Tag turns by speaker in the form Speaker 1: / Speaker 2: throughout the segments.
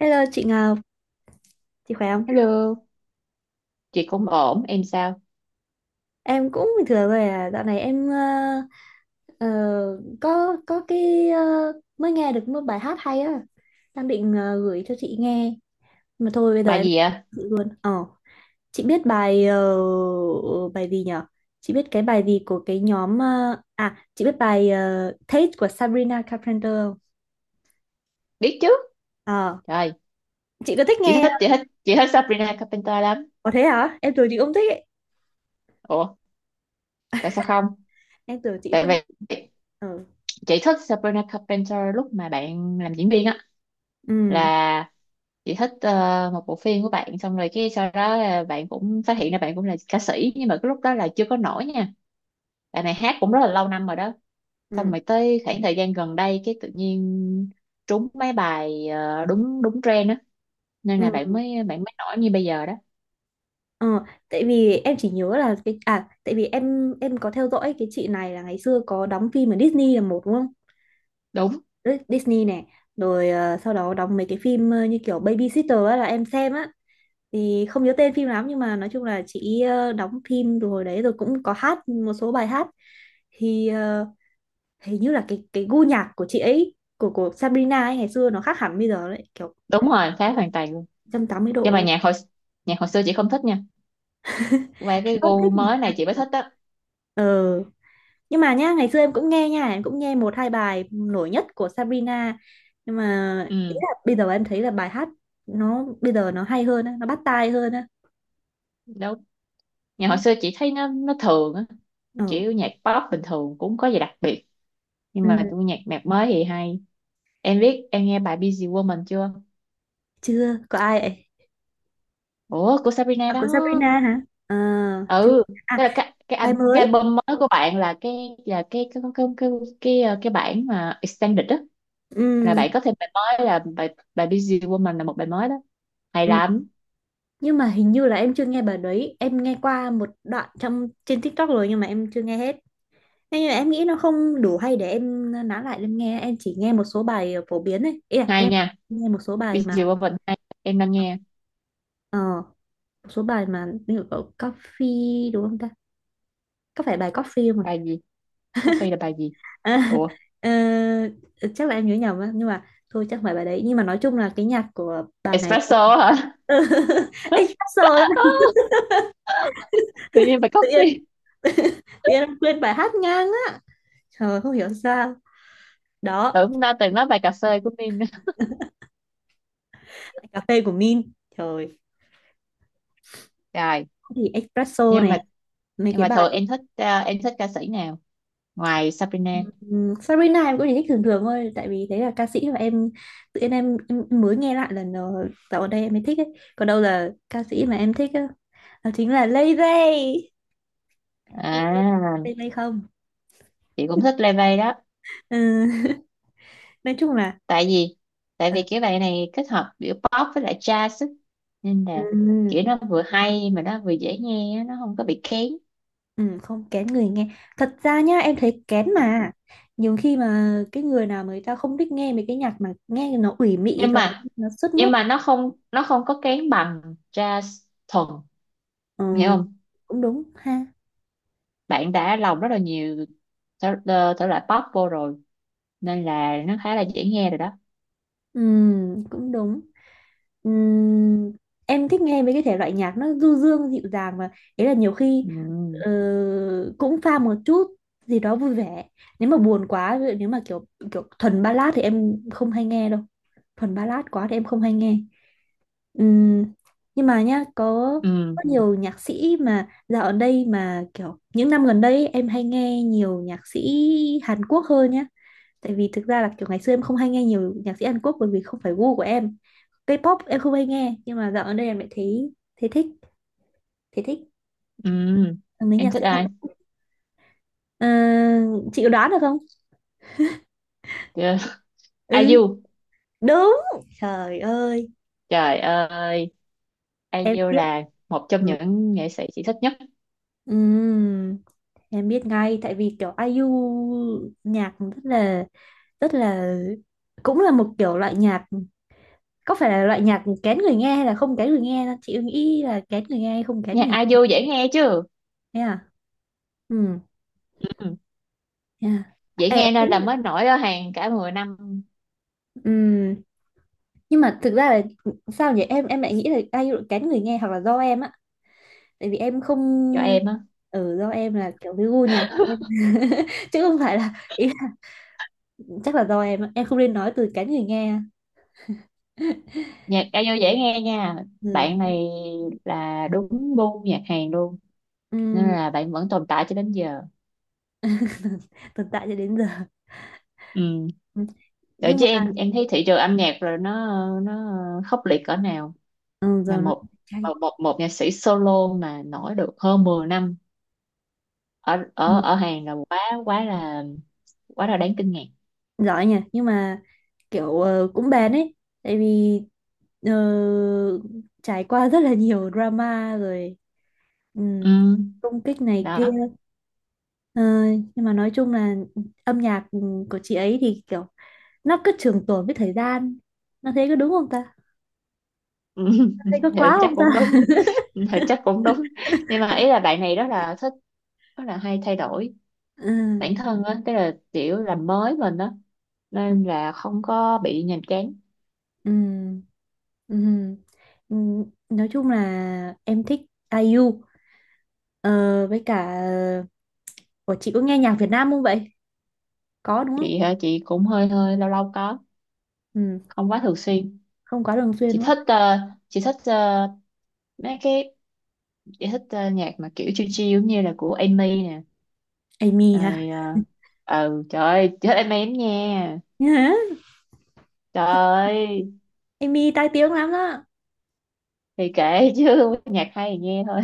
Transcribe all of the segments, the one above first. Speaker 1: Hello chị Ngọc, chị khỏe không?
Speaker 2: Hello, chị cũng ổn, em sao?
Speaker 1: Em cũng bình thường rồi à, dạo này em ờ, có cái mới nghe được một bài hát hay á, đang định gửi cho chị nghe, mà thôi bây giờ
Speaker 2: Bài
Speaker 1: em
Speaker 2: gì ạ?
Speaker 1: chị luôn. Ờ, chị biết bài bài gì nhở? Chị biết cái bài gì của cái nhóm à, chị biết bài Taste của Sabrina Carpenter không?
Speaker 2: Biết chứ?
Speaker 1: Ờ,
Speaker 2: Trời,
Speaker 1: chị có thích nghe?
Speaker 2: chị thích Sabrina Carpenter lắm.
Speaker 1: Có thế hả? Em tưởng chị không thích ấy.
Speaker 2: Ủa, tại sao không?
Speaker 1: Em tưởng chị
Speaker 2: Tại
Speaker 1: không.
Speaker 2: vì
Speaker 1: Ờ,
Speaker 2: chị thích Sabrina Carpenter lúc mà bạn làm diễn viên á,
Speaker 1: ừ,
Speaker 2: là chị thích một bộ phim của bạn, xong rồi cái sau đó là bạn cũng phát hiện ra bạn cũng là ca sĩ, nhưng mà cái lúc đó là chưa có nổi nha. Bạn này hát cũng rất là lâu năm rồi đó. Xong
Speaker 1: ừ,
Speaker 2: rồi tới khoảng thời gian gần đây, cái tự nhiên trúng mấy bài đúng đúng trend á, nên là
Speaker 1: ừ.
Speaker 2: bạn mới nổi như bây giờ đó.
Speaker 1: Ờ, Tại vì em chỉ nhớ là cái à tại vì em có theo dõi cái chị này là ngày xưa có đóng phim ở Disney là một đúng không?
Speaker 2: Đúng
Speaker 1: Đấy, Disney này, rồi sau đó đóng mấy cái phim như kiểu Babysitter á, là em xem á. Thì không nhớ tên phim lắm nhưng mà nói chung là chị đóng phim rồi đấy rồi cũng có hát một số bài hát. Thì hình như là cái gu nhạc của chị ấy của Sabrina ấy ngày xưa nó khác hẳn bây giờ đấy, kiểu
Speaker 2: đúng rồi, khác hoàn toàn luôn,
Speaker 1: 180 độ.
Speaker 2: nhưng mà
Speaker 1: luôn.
Speaker 2: nhạc hồi xưa chị không thích nha, qua
Speaker 1: Em
Speaker 2: cái
Speaker 1: rất
Speaker 2: gu
Speaker 1: thích.
Speaker 2: mới
Speaker 1: mà.
Speaker 2: này chị mới thích á.
Speaker 1: Ờ nhưng mà nhá ngày xưa em cũng nghe nha em cũng nghe 1, 2 bài nổi nhất của Sabrina nhưng mà
Speaker 2: Ừ,
Speaker 1: bây giờ em thấy là bài hát nó bây giờ nó hay hơn á, nó bắt tai hơn á.
Speaker 2: đúng, nhạc hồi
Speaker 1: Đúng.
Speaker 2: xưa chị thấy nó thường á, nó
Speaker 1: Ờ.
Speaker 2: kiểu nhạc pop bình thường cũng có gì đặc biệt, nhưng
Speaker 1: Ừ,
Speaker 2: mà tôi nhạc nhạc mới thì hay. Em biết em nghe bài Busy Woman chưa?
Speaker 1: chưa có ai ấy.
Speaker 2: Ủa, của Sabrina
Speaker 1: À,
Speaker 2: đó.
Speaker 1: của Sabrina hả? Ờ, chưa.
Speaker 2: Ừ,
Speaker 1: À,
Speaker 2: tức là
Speaker 1: bài
Speaker 2: cái
Speaker 1: mới.
Speaker 2: album mới của bạn là là cái cái cái cái cái, cái bản mà extended đó, là
Speaker 1: Ừ,
Speaker 2: bạn có thêm bài mới, là bài bài Busy Woman, là một bài mới đó, hay
Speaker 1: ừ.
Speaker 2: lắm,
Speaker 1: Nhưng mà hình như là em chưa nghe bài đấy, em nghe qua một đoạn trong trên TikTok rồi nhưng mà em chưa nghe hết. Thế nhưng mà em nghĩ nó không đủ hay để em nói lại em nghe, em chỉ nghe một số bài phổ biến ấy, ý là, ý
Speaker 2: hay
Speaker 1: là
Speaker 2: nha.
Speaker 1: nghe một số bài
Speaker 2: Bây
Speaker 1: mà
Speaker 2: giờ qua vịnh hay em đang nghe
Speaker 1: ờ, một số bài mà như kiểu coffee đúng không ta, có phải bài coffee không?
Speaker 2: bài gì? Coffee là bài gì?
Speaker 1: À?
Speaker 2: Ủa,
Speaker 1: Ờ, Chắc là em nhớ nhầm á nhưng mà thôi chắc không phải bài đấy, nhưng mà nói chung là cái nhạc của bà này
Speaker 2: espresso hả?
Speaker 1: anh hát solo lắm.
Speaker 2: Tự nhiên bài
Speaker 1: tự nhiên
Speaker 2: coffee.
Speaker 1: tự nhiên em quên bài hát ngang á, trời không hiểu sao. Đó.
Speaker 2: Tưởng đã từng nói bài cà phê của mình.
Speaker 1: Cà phê của Min. Trời.
Speaker 2: Rồi,
Speaker 1: Thì espresso
Speaker 2: nhưng
Speaker 1: này,
Speaker 2: mà
Speaker 1: mấy
Speaker 2: nhưng
Speaker 1: cái
Speaker 2: mà
Speaker 1: bài.
Speaker 2: thường em thích, à, em thích ca sĩ nào ngoài Sabrina?
Speaker 1: Sabrina em cũng chỉ thích thường thường thôi, tại vì đấy là ca sĩ mà em tự nhiên em mới nghe lại lần dạo gần đây em mới thích ấy. Còn đâu là ca sĩ mà em thích á, đó chính là Lay Ray. Lay Ray,
Speaker 2: À,
Speaker 1: Lay Ray không?
Speaker 2: chị cũng thích Lê Vây đó.
Speaker 1: Ừ. Nói chung là
Speaker 2: Tại vì tại vì
Speaker 1: ừ.
Speaker 2: cái bài này kết hợp giữa pop với lại jazz á. Nên
Speaker 1: Ừ.
Speaker 2: là kiểu nó vừa hay mà nó vừa dễ nghe á, nó không có bị kén.
Speaker 1: Ừ. Không kén người nghe. Thật ra nhá em thấy kén mà, nhiều khi mà cái người nào mà người ta không thích nghe mấy cái nhạc mà nghe nó ủy mị
Speaker 2: Nhưng
Speaker 1: rồi
Speaker 2: mà
Speaker 1: nó sướt
Speaker 2: nhưng
Speaker 1: mướt.
Speaker 2: mà nó không có kén bằng jazz thuần, em hiểu
Speaker 1: Ừ.
Speaker 2: không?
Speaker 1: Cũng đúng ha.
Speaker 2: Bạn đã lồng rất là nhiều thể loại pop vô rồi, nên là nó khá là dễ nghe rồi đó.
Speaker 1: Ừ. Cũng đúng. Ừm, em thích nghe mấy cái thể loại nhạc nó du dương dịu dàng mà, ấy là nhiều khi
Speaker 2: Ừ,
Speaker 1: ờ, cũng pha một chút gì đó vui vẻ. Nếu mà buồn quá, ví dụ nếu mà kiểu kiểu thuần ballad thì em không hay nghe đâu, thuần ballad quá thì em không hay nghe. Ừm, nhưng mà nhá có
Speaker 2: ừ,
Speaker 1: có nhiều nhạc sĩ mà dạo ở đây mà kiểu những năm gần đây ấy, em hay nghe nhiều nhạc sĩ Hàn Quốc hơn nhá, tại vì thực ra là kiểu ngày xưa em không hay nghe nhiều nhạc sĩ Hàn Quốc bởi vì không phải gu của em, K-pop em không hay nghe, nhưng mà dạo gần đây em lại thấy thấy thích, thấy thích
Speaker 2: ừ.
Speaker 1: mấy
Speaker 2: Em
Speaker 1: nhạc
Speaker 2: thích
Speaker 1: sĩ Hàn.
Speaker 2: ai?
Speaker 1: Ờ, chị có đoán được không?
Speaker 2: Chưa.
Speaker 1: Ừ,
Speaker 2: IU.
Speaker 1: đúng, trời ơi
Speaker 2: Trời ơi,
Speaker 1: em
Speaker 2: IU
Speaker 1: biết.
Speaker 2: là một trong
Speaker 1: Ừ.
Speaker 2: những nghệ sĩ chị thích nhất.
Speaker 1: Ừm, em biết ngay tại vì kiểu ai IU nhạc rất là cũng là một kiểu loại nhạc, có phải là loại nhạc kén người nghe hay là không kén người nghe đâu? Chị nghĩ là kén người nghe hay không kén
Speaker 2: Nhạc
Speaker 1: người
Speaker 2: IU dễ nghe chứ.
Speaker 1: nghe à? Ừ.
Speaker 2: Ừ,
Speaker 1: Yeah.
Speaker 2: dễ
Speaker 1: Ê,
Speaker 2: nghe nên là mới nổi ở hàng cả 10 năm.
Speaker 1: ừm, nhưng mà thực ra là sao nhỉ, em lại nghĩ là IU kén người nghe hoặc là do em á, tại vì em không
Speaker 2: Cho em á,
Speaker 1: ở do em là kiểu cái gu nhạc, chứ không phải là ý là chắc là do em á. Em không nên nói từ kén người nghe.
Speaker 2: nhạc IU dễ nghe nha, bạn
Speaker 1: Ừ.
Speaker 2: này là đúng gu nhạc Hàn luôn, nên
Speaker 1: ừm,
Speaker 2: là bạn vẫn tồn tại cho đến giờ.
Speaker 1: tồn tại cho đến giờ.
Speaker 2: Ừ.
Speaker 1: Ừ,
Speaker 2: Vậy
Speaker 1: nhưng
Speaker 2: chứ
Speaker 1: mà
Speaker 2: em thấy thị trường âm nhạc rồi nó khốc liệt cỡ nào,
Speaker 1: ừ,
Speaker 2: mà
Speaker 1: giờ nó
Speaker 2: một
Speaker 1: chanh
Speaker 2: một một nhạc sĩ solo mà nổi được hơn 10 năm ở ở ở Hàn là quá quá là quá là đáng kinh ngạc.
Speaker 1: giỏi nha, nhưng mà kiểu cũng bền ấy, tại vì ờ, trải qua rất là nhiều drama rồi, ừm,
Speaker 2: Ừ,
Speaker 1: công kích này kia.
Speaker 2: đó.
Speaker 1: Ờ, nhưng mà nói chung là âm nhạc của chị ấy thì kiểu nó cứ trường tồn với thời gian. Nó thấy có đúng không ta?
Speaker 2: Ừ,
Speaker 1: Nó thấy có
Speaker 2: thì
Speaker 1: quá
Speaker 2: chắc
Speaker 1: không
Speaker 2: cũng
Speaker 1: ta?
Speaker 2: đúng. Thì chắc cũng đúng. Nhưng mà ý là bạn này rất là thích, rất là hay thay đổi
Speaker 1: Ừ,
Speaker 2: bản thân á, tức là kiểu làm mới mình á,
Speaker 1: ừ,
Speaker 2: nên là không có bị nhàm chán.
Speaker 1: ừ, ừ. Ừ, nói chung là em thích ai IU ờ, với cả ủa chị có nghe nhạc Việt Nam không vậy, có đúng không?
Speaker 2: Chị hả? Chị cũng hơi hơi lâu lâu có,
Speaker 1: Ừ,
Speaker 2: không quá thường xuyên.
Speaker 1: không quá thường xuyên
Speaker 2: chị
Speaker 1: đúng không?
Speaker 2: thích ờ, chị thích ờ, mấy cái chị thích nhạc mà kiểu chill chill giống như là của Amy nè,
Speaker 1: Amy hả?
Speaker 2: rồi ừ, trời ơi chị thích Amy lắm nha, trời
Speaker 1: Hả?
Speaker 2: ơi,
Speaker 1: Amy tai tiếng lắm đó.
Speaker 2: thì kể chứ, nhạc hay thì nghe thôi.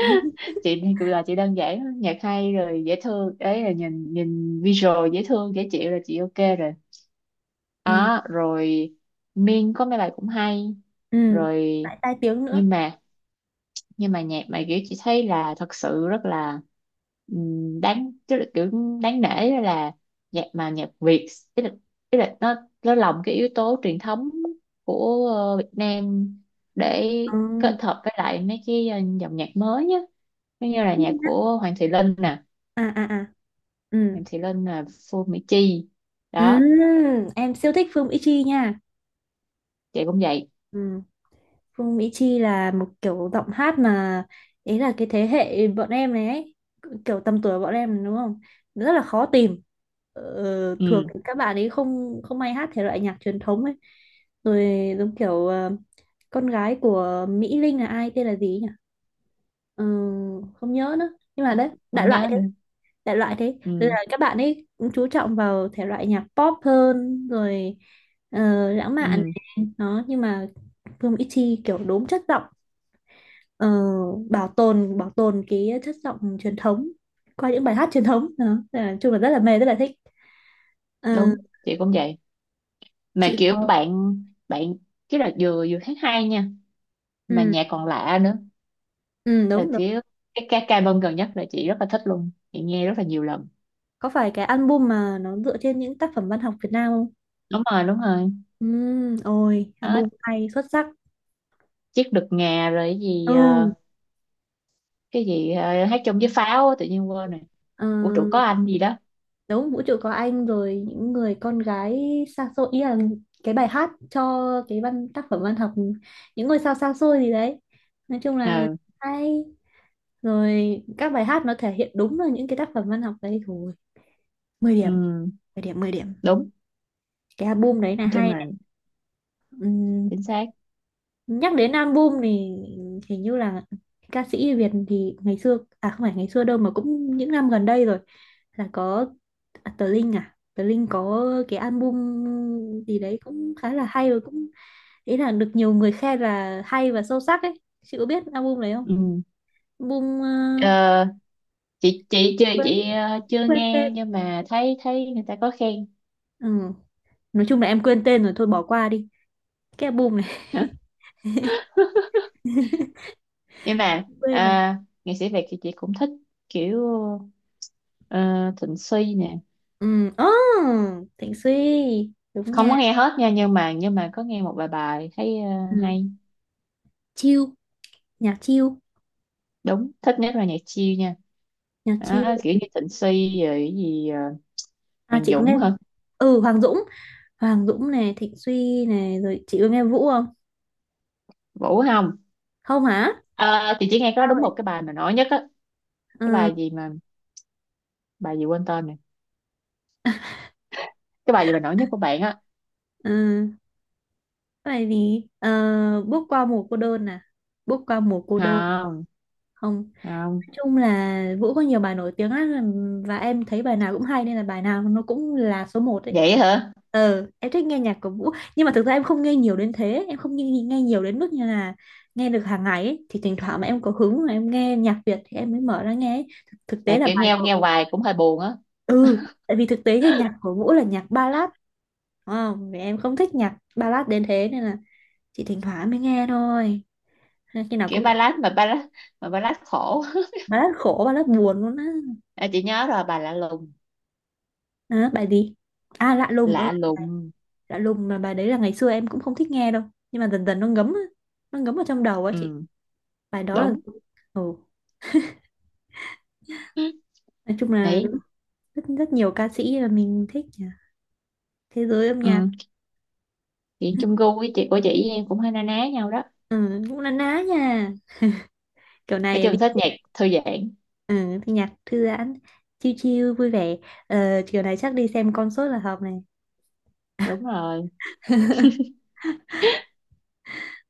Speaker 2: Chị thì cũng là chị đơn giản lắm. Nhạc hay rồi dễ thương đấy, là nhìn nhìn visual dễ thương dễ chịu là chị ok rồi.
Speaker 1: Ừ.
Speaker 2: Đó rồi, Min có mấy bài cũng hay
Speaker 1: Ừ.
Speaker 2: rồi,
Speaker 1: Lại tai tiếng nữa.
Speaker 2: nhưng mà, nhưng mà nhạc mà kiểu chị thấy là thật sự rất là, đáng, tức là kiểu đáng nể đó, là nhạc mà nhạc Việt, tức là, tức là nó lồng cái yếu tố truyền thống của Việt Nam, để
Speaker 1: Ừ.
Speaker 2: kết hợp với lại mấy cái dòng nhạc mới á. Giống như là nhạc của Hoàng Thị Linh nè.
Speaker 1: À à à. Ừ.
Speaker 2: Hoàng Thị Linh là Phương Mỹ Chi
Speaker 1: Ừ.
Speaker 2: đó.
Speaker 1: Em siêu thích phim Ichi nha.
Speaker 2: Chị cũng vậy.
Speaker 1: Ừ. Phương Mỹ Chi là một kiểu giọng hát mà, ý là cái thế hệ bọn em này ấy, kiểu tầm tuổi bọn em đúng không? Rất là khó tìm. Thường
Speaker 2: Ừ,
Speaker 1: thì các bạn ấy không không hay hát thể loại nhạc truyền thống ấy. Rồi giống kiểu con gái của Mỹ Linh là ai tên là gì ấy nhỉ? Ờ, Không nhớ nữa. Nhưng mà đấy, đại
Speaker 2: không
Speaker 1: loại
Speaker 2: nhớ
Speaker 1: thế,
Speaker 2: nữa.
Speaker 1: đại loại thế. Rồi
Speaker 2: Ừ,
Speaker 1: là các bạn ấy cũng chú trọng vào thể loại nhạc pop hơn rồi, lãng mạn
Speaker 2: ừ,
Speaker 1: này. Đó, nhưng mà Vương ít Chi kiểu đốm chất giọng, ờ, bảo tồn cái chất giọng truyền thống qua những bài hát truyền thống. Đó. Nên là nói chung là rất là mê, rất là thích. Ờ,
Speaker 2: đúng. Chị cũng vậy, mà
Speaker 1: chị
Speaker 2: kiểu
Speaker 1: có
Speaker 2: bạn bạn chứ, là vừa vừa hát hay nha, mà
Speaker 1: ừ,
Speaker 2: nhạc còn lạ nữa,
Speaker 1: ừ
Speaker 2: là
Speaker 1: đúng đúng,
Speaker 2: kiểu cái ca bông gần nhất là chị rất là thích luôn, chị nghe rất là nhiều lần.
Speaker 1: có phải cái album mà nó dựa trên những tác phẩm văn học Việt Nam không?
Speaker 2: Đúng rồi, đúng rồi.
Speaker 1: Ừ, ôi album
Speaker 2: Đó,
Speaker 1: hay xuất sắc.
Speaker 2: chiếc đực ngà, rồi cái gì ờ,
Speaker 1: Ừ.
Speaker 2: cái gì ờ, hát chung với pháo á, tự nhiên quên rồi.
Speaker 1: Ờ,
Speaker 2: Vũ trụ có anh gì đó.
Speaker 1: Đúng, vũ trụ có anh rồi những người con gái xa xôi, ý là cái bài hát cho cái văn tác phẩm văn học những ngôi sao xa xôi gì đấy, nói chung là
Speaker 2: Ờ,
Speaker 1: hay, rồi các bài hát nó thể hiện đúng là những cái tác phẩm văn học đấy thôi. Mười điểm,
Speaker 2: ừ,
Speaker 1: 10 điểm, 10 điểm,
Speaker 2: đúng,
Speaker 1: cái album đấy là
Speaker 2: nói chung
Speaker 1: hay
Speaker 2: là
Speaker 1: này. Ừm,
Speaker 2: chính xác.
Speaker 1: Nhắc đến album thì hình như là ca sĩ Việt thì ngày xưa, à không phải ngày xưa đâu mà cũng những năm gần đây rồi, là có à, Tờ Linh, à Tờ Linh có cái album gì đấy cũng khá là hay, rồi cũng ý là được nhiều người khen là hay và sâu sắc ấy, chị có biết album đấy không?
Speaker 2: Ừ.
Speaker 1: Album
Speaker 2: Ờ, chị chưa
Speaker 1: quên
Speaker 2: nghe
Speaker 1: tên.
Speaker 2: nhưng mà thấy thấy người ta có khen.
Speaker 1: Ừ. Nói chung là em quên tên rồi thôi bỏ qua đi cái album này.
Speaker 2: Nhưng mà
Speaker 1: Quên rồi.
Speaker 2: nghệ sĩ Việt thì chị cũng thích kiểu ờ, Thịnh Suy nè,
Speaker 1: Ừ. Oh, Thịnh Suy, đúng
Speaker 2: không
Speaker 1: nha.
Speaker 2: có nghe hết nha, nhưng mà có nghe một vài bài thấy
Speaker 1: Ừ.
Speaker 2: hay.
Speaker 1: Chill, nhạc chill,
Speaker 2: Đúng, thích nhất là nhạc chill nha.
Speaker 1: nhạc chill.
Speaker 2: Đó, kiểu như Thịnh Suy, rồi cái gì,
Speaker 1: À,
Speaker 2: Hoàng
Speaker 1: chị có nghe
Speaker 2: Dũng hả?
Speaker 1: ừ Hoàng Dũng, Hoàng Dũng này Thịnh Suy này, rồi chị có nghe Vũ không?
Speaker 2: Vũ không?
Speaker 1: Không hả?
Speaker 2: Ờ, thì chỉ nghe có
Speaker 1: Sao
Speaker 2: đúng
Speaker 1: vậy?
Speaker 2: một cái bài mà nổi nhất á, cái
Speaker 1: Ừ.
Speaker 2: bài gì mà, bài gì quên tên nè, cái bài gì mà nổi nhất của bạn á.
Speaker 1: Ừ, tại vì bước qua mùa cô đơn à, bước qua mùa cô đơn.
Speaker 2: Không,
Speaker 1: Không,
Speaker 2: không.
Speaker 1: nói chung là Vũ có nhiều bài nổi tiếng lắm, và em thấy bài nào cũng hay nên là bài nào nó cũng là số một ấy.
Speaker 2: Vậy hả?
Speaker 1: Em thích nghe nhạc của Vũ nhưng mà thực ra em không nghe nhiều đến thế, em không nghe nhiều đến mức như là nghe được hàng ngày ấy. Thì thỉnh thoảng mà em có hứng mà em nghe nhạc Việt thì em mới mở ra nghe ấy. Thực
Speaker 2: Là
Speaker 1: tế là
Speaker 2: kiểu
Speaker 1: bài
Speaker 2: nghe nghe hoài cũng hơi buồn á.
Speaker 1: ừ, tại vì thực tế thì nhạc của Vũ là nhạc ballad, đúng không, vì em không thích nhạc ballad đến thế nên là chị thỉnh thoảng mới nghe thôi. Nên khi nào
Speaker 2: Kiểu
Speaker 1: cũng thuộc
Speaker 2: ballad, mà ballad, mà ballad khổ.
Speaker 1: ballad khổ, ballad buồn luôn á.
Speaker 2: À, chị nhớ rồi, bài lạ lùng,
Speaker 1: À, bài gì? À, lạ lùng. Ừ,
Speaker 2: lạ lùng.
Speaker 1: lạ lùng, mà bài đấy là ngày xưa em cũng không thích nghe đâu, nhưng mà dần dần nó ngấm á, nó ngấm vào trong đầu á chị,
Speaker 2: Ừ,
Speaker 1: bài đó là
Speaker 2: đúng
Speaker 1: ừ. Nói chung là
Speaker 2: đấy.
Speaker 1: rất rất nhiều ca sĩ là mình thích nhỉ, thế giới âm nhạc.
Speaker 2: Ừ, chị chung gu với chị của chị em cũng hay na ná nhau đó.
Speaker 1: Ừ, cũng na ná nha, kiểu
Speaker 2: Nói
Speaker 1: này.
Speaker 2: chung thích nhạc thư giãn.
Speaker 1: Ừ, thì nhạc thư giãn, chill chill, vui vẻ. Chiều này chắc đi xem concert là hợp này.
Speaker 2: Đúng rồi,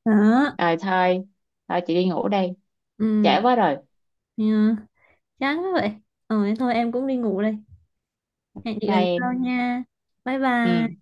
Speaker 1: Đó,
Speaker 2: rồi thôi, thôi chị đi ngủ đây, trễ
Speaker 1: ừ,
Speaker 2: quá rồi.
Speaker 1: yeah. Chán quá vậy. Ừ, thế thôi em cũng đi ngủ đây. Hẹn chị lần
Speaker 2: Bye em.
Speaker 1: sau nha. Bye bye.
Speaker 2: Ừ.